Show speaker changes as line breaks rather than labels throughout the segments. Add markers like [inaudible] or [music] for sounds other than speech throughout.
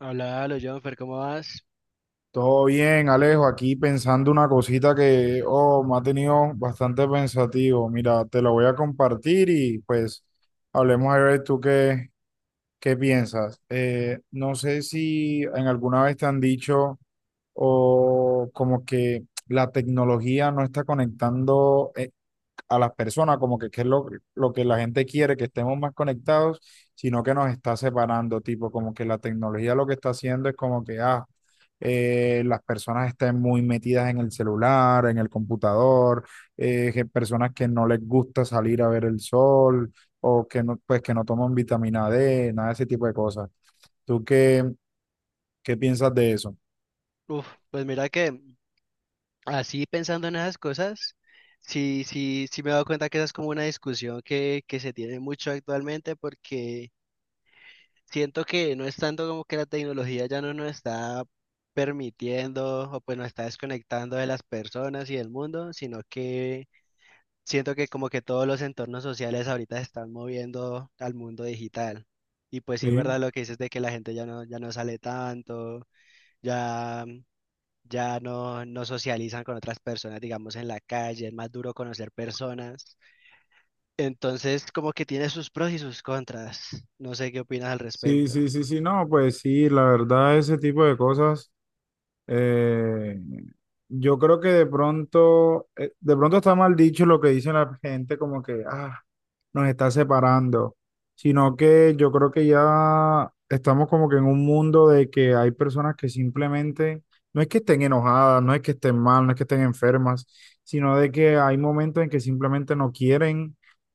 Hola, hola, Jonfer, ¿cómo vas?
Todo bien, Alejo, aquí pensando una cosita que, me ha tenido bastante pensativo. Mira, te lo voy a compartir y pues hablemos a ver tú qué piensas. No sé si en alguna vez te han dicho o como que la tecnología no está conectando, a las personas, como que qué es lo que la gente quiere, que estemos más conectados, sino que nos está separando, tipo, como que la tecnología lo que está haciendo es como que, las personas estén muy metidas en el celular, en el computador, que personas que no les gusta salir a ver el sol o que no, pues que no toman vitamina D, nada de ese tipo de cosas. ¿Tú qué piensas de eso?
Uf, pues mira que así pensando en esas cosas, sí, me he dado cuenta que esa es como una discusión que se tiene mucho actualmente porque siento que no es tanto como que la tecnología ya no nos está permitiendo o pues nos está desconectando de las personas y del mundo, sino que siento que como que todos los entornos sociales ahorita se están moviendo al mundo digital. Y pues sí es
Sí,
verdad lo que dices de que la gente ya no sale tanto, ya... ya no, no socializan con otras personas, digamos, en la calle, es más duro conocer personas. Entonces, como que tiene sus pros y sus contras. No sé qué opinas al
sí,
respecto.
sí, sí, sí, no, pues sí, la verdad, ese tipo de cosas. Eh, yo creo que de pronto está mal dicho lo que dice la gente, como que, nos está separando, sino que yo creo que ya estamos como que en un mundo de que hay personas que simplemente, no es que estén enojadas, no es que estén mal, no es que estén enfermas, sino de que hay momentos en que simplemente no quieren,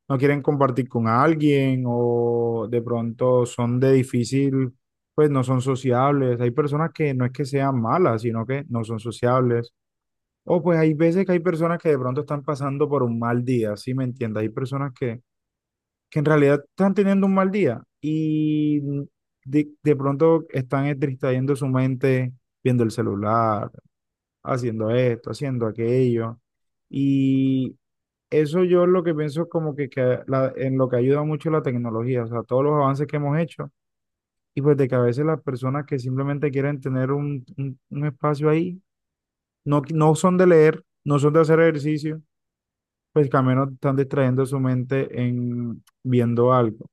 no quieren compartir con alguien o de pronto son de difícil, pues no son sociables. Hay personas que no es que sean malas, sino que no son sociables. O pues hay veces que hay personas que de pronto están pasando por un mal día, ¿sí me entiendes? Hay personas que en realidad están teniendo un mal día y de pronto están es distrayendo su mente viendo el celular, haciendo esto, haciendo aquello. Y eso yo lo que pienso es como que en lo que ayuda mucho la tecnología, o sea, todos los avances que hemos hecho y pues de que a veces las personas que simplemente quieren tener un espacio ahí, no, no son de leer, no son de hacer ejercicio, pues que al menos están distrayendo su mente en viendo algo.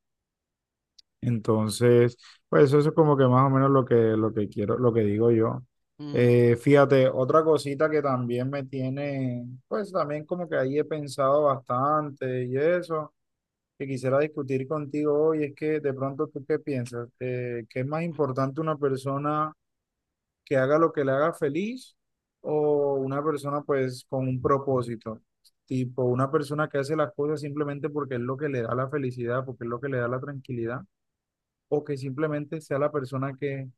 Entonces, pues eso es como que más o menos lo que quiero, lo que digo yo.
Mm,
Fíjate, otra cosita que también me tiene, pues también como que ahí he pensado bastante y eso, que quisiera discutir contigo hoy, es que de pronto tú qué piensas. ¿Qué es más importante, una persona que haga lo que le haga feliz o una persona pues con un propósito? Tipo, una persona que hace las cosas simplemente porque es lo que le da la felicidad, porque es lo que le da la tranquilidad o que simplemente sea la persona que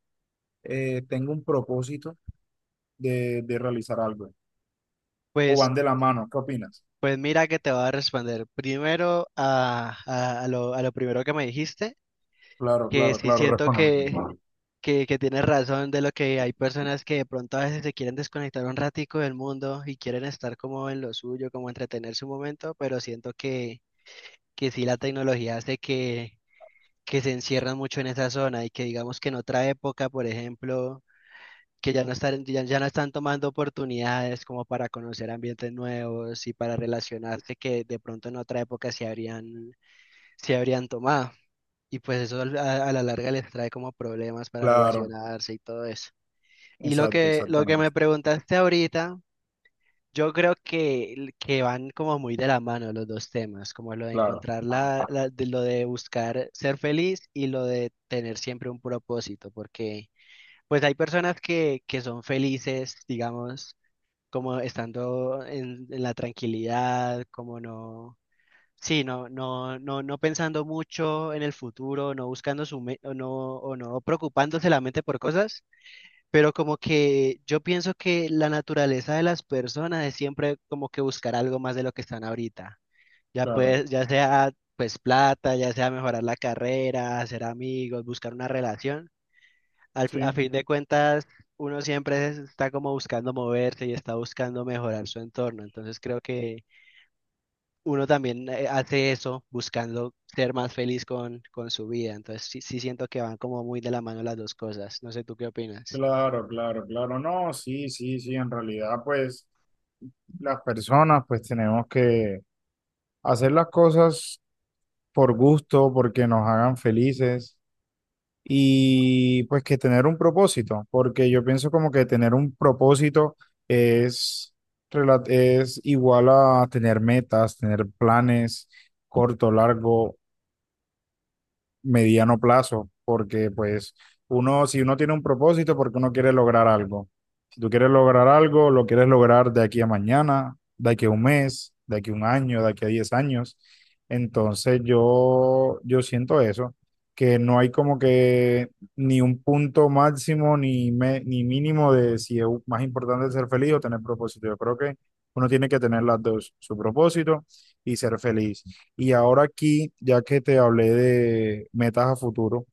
tenga un propósito de realizar algo, o
pues,
van de la mano, ¿qué opinas?
pues mira que te voy a responder primero a lo primero que me dijiste,
Claro,
que
claro,
sí
claro, [laughs]
siento
respóndeme.
que tienes razón de lo que hay personas que de pronto a veces se quieren desconectar un ratico del mundo y quieren estar como en lo suyo, como entretenerse un momento, pero siento que sí la tecnología hace que se encierran mucho en esa zona y que digamos que en otra época, por ejemplo, que ya no están, ya no están tomando oportunidades como para conocer ambientes nuevos y para relacionarse que de pronto en otra época se habrían tomado. Y pues eso a la larga les trae como problemas para
Claro,
relacionarse y todo eso. Y
exacto,
lo que me
exactamente,
preguntaste ahorita yo creo que van como muy de la mano los dos temas, como lo de
claro,
encontrar de lo de buscar ser feliz y lo de tener siempre un propósito, porque pues hay personas que son felices, digamos, como estando en la tranquilidad, como no, sí, no pensando mucho en el futuro, no buscando su me- o no preocupándose la mente por cosas, pero como que yo pienso que la naturaleza de las personas es siempre como que buscar algo más de lo que están ahorita. Ya
claro,
pues, ya sea pues plata, ya sea mejorar la carrera, hacer amigos, buscar una relación. A
sí,
fin de cuentas, uno está como buscando moverse y está buscando mejorar su entorno. Entonces creo que uno también hace eso buscando ser más feliz con su vida. Entonces sí, sí siento que van como muy de la mano las dos cosas. No sé, ¿tú qué opinas?
claro, claro, claro, no, sí, sí, sí, en realidad, pues las personas, pues tenemos que hacer las cosas por gusto, porque nos hagan felices, y pues que tener un propósito, porque yo pienso como que tener un propósito es, es igual a tener metas, tener planes corto, largo mediano plazo, porque pues uno, si uno tiene un propósito, porque uno quiere lograr algo. Si tú quieres lograr algo, lo quieres lograr de aquí a mañana, de aquí a un mes, de aquí a un año, de aquí a 10 años. Entonces yo siento eso, que no hay como que ni un punto máximo ni, ni mínimo de si es más importante ser feliz o tener propósito. Yo creo que uno tiene que tener las dos, su propósito y ser feliz. Y ahora aquí, ya que te hablé de metas a futuro,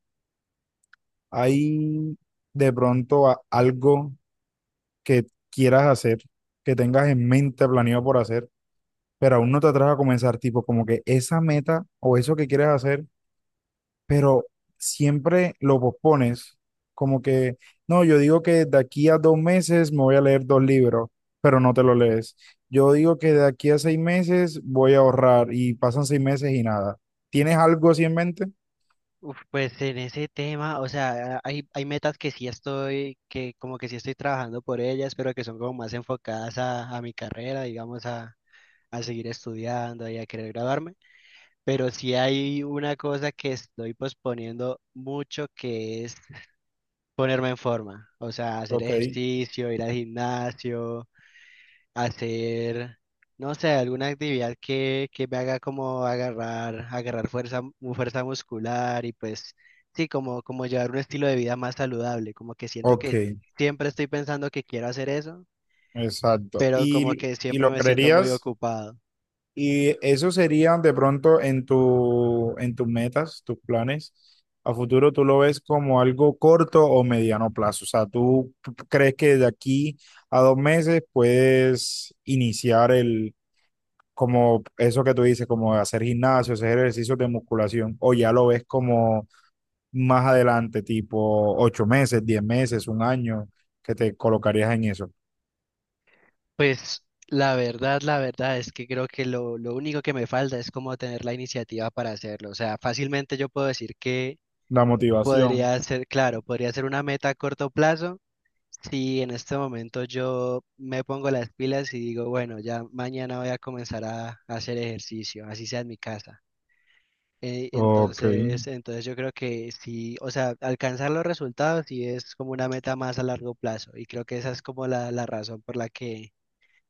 ¿hay de pronto algo que quieras hacer, que tengas en mente planeado por hacer, pero aún no te atreves a comenzar? Tipo, como que esa meta o eso que quieres hacer, pero siempre lo pospones. Como que, no, yo digo que de aquí a 2 meses me voy a leer dos libros, pero no te lo lees. Yo digo que de aquí a 6 meses voy a ahorrar y pasan 6 meses y nada. ¿Tienes algo así en mente?
Uf, pues en ese tema, o sea, hay metas que sí estoy, que como que sí estoy trabajando por ellas, pero que son como más enfocadas a mi carrera, digamos, a seguir estudiando y a querer graduarme. Pero sí hay una cosa que estoy posponiendo mucho, que es ponerme en forma, o sea, hacer
Ok,
ejercicio, ir al gimnasio, hacer, no sé, alguna actividad que me haga como agarrar fuerza, fuerza muscular y pues sí, como, como llevar un estilo de vida más saludable, como que siento
ok.
que siempre estoy pensando que quiero hacer eso,
Exacto.
pero como
Y,
que
y
siempre
lo
me siento muy
creerías,
ocupado.
y eso sería de pronto en en tus metas, tus planes. A futuro tú lo ves como algo corto o mediano plazo. O sea, tú crees que de aquí a dos meses puedes iniciar el, como eso que tú dices, como hacer gimnasio, hacer ejercicios de musculación, o ya lo ves como más adelante, tipo 8 meses, 10 meses, un año, que te colocarías en eso.
Pues la verdad es que creo que lo único que me falta es como tener la iniciativa para hacerlo. O sea, fácilmente yo puedo decir que
La motivación.
podría ser, claro, podría ser una meta a corto plazo. Sí, en este momento yo me pongo las pilas y digo, bueno, ya mañana voy a comenzar a hacer ejercicio, así sea en mi casa.
Ok.
Entonces yo creo que sí, o sea, alcanzar los resultados sí es como una meta más a largo plazo y creo que esa es como la razón por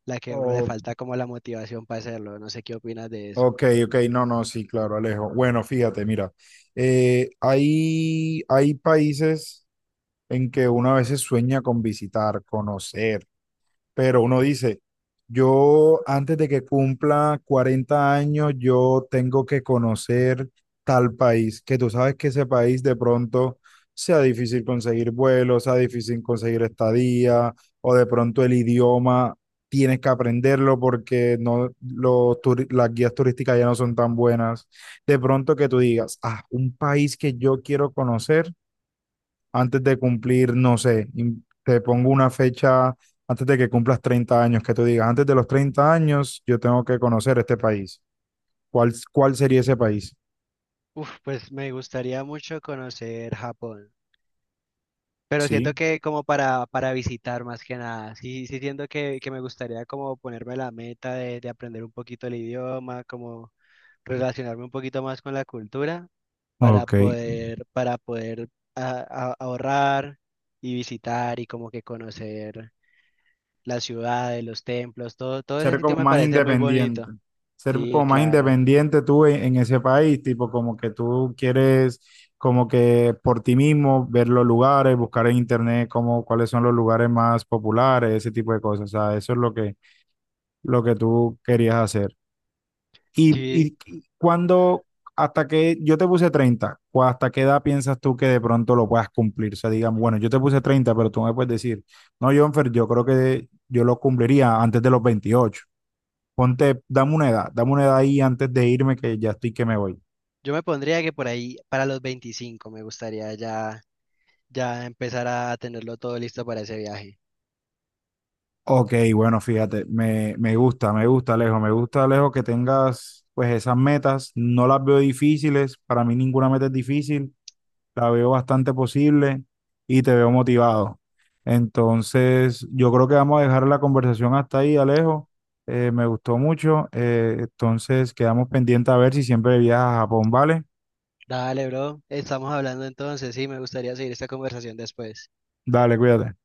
la que a uno le
O-
falta como la motivación para hacerlo. No sé qué opinas de eso.
ok, ok. No, no, sí, claro, Alejo. Bueno, fíjate, mira. Hay países en que uno a veces sueña con visitar, conocer. Pero uno dice, yo antes de que cumpla 40 años, yo tengo que conocer tal país, que tú sabes que ese país de pronto sea difícil conseguir vuelos, sea difícil conseguir estadía, o de pronto el idioma tienes que aprenderlo porque no, los las guías turísticas ya no son tan buenas. De pronto que tú digas, un país que yo quiero conocer antes de cumplir, no sé, te pongo una fecha antes de que cumplas 30 años, que tú digas, antes de los 30 años yo tengo que conocer este país. ¿Cuál sería ese país?
Uf, pues me gustaría mucho conocer Japón. Pero siento
Sí,
que como para visitar más que nada, sí, sí siento que me gustaría como ponerme la meta de aprender un poquito el idioma, como relacionarme un poquito más con la cultura
ok.
para poder a- ahorrar y visitar y como que conocer las ciudades, los templos, todo ese
Ser
sitio
como
me
más
parece muy
independiente.
bonito.
Ser
Sí,
como más
claro.
independiente tú en ese país, tipo como que tú quieres como que por ti mismo ver los lugares, buscar en internet como cuáles son los lugares más populares, ese tipo de cosas. O sea, eso es lo que tú querías hacer. Y,
Sí,
y cuando, hasta que yo te puse 30, hasta qué edad piensas tú que de pronto lo puedas cumplir? O sea, digamos, bueno, yo te puse 30, pero tú me puedes decir, no, Jonfer, yo creo que yo lo cumpliría antes de los 28. Ponte, dame una edad ahí antes de irme que ya estoy que me voy.
yo me pondría que por ahí para los 25 me gustaría ya, ya empezar a tenerlo todo listo para ese viaje.
Ok, bueno, fíjate, me gusta, me gusta, Alejo, que tengas pues esas metas, no las veo difíciles. Para mí ninguna meta es difícil, la veo bastante posible y te veo motivado. Entonces, yo creo que vamos a dejar la conversación hasta ahí, Alejo. Me gustó mucho. Entonces, quedamos pendientes a ver si siempre viajas a Japón, ¿vale?
Dale, bro. Estamos hablando entonces. Sí, me gustaría seguir esta conversación después.
Dale, cuídate.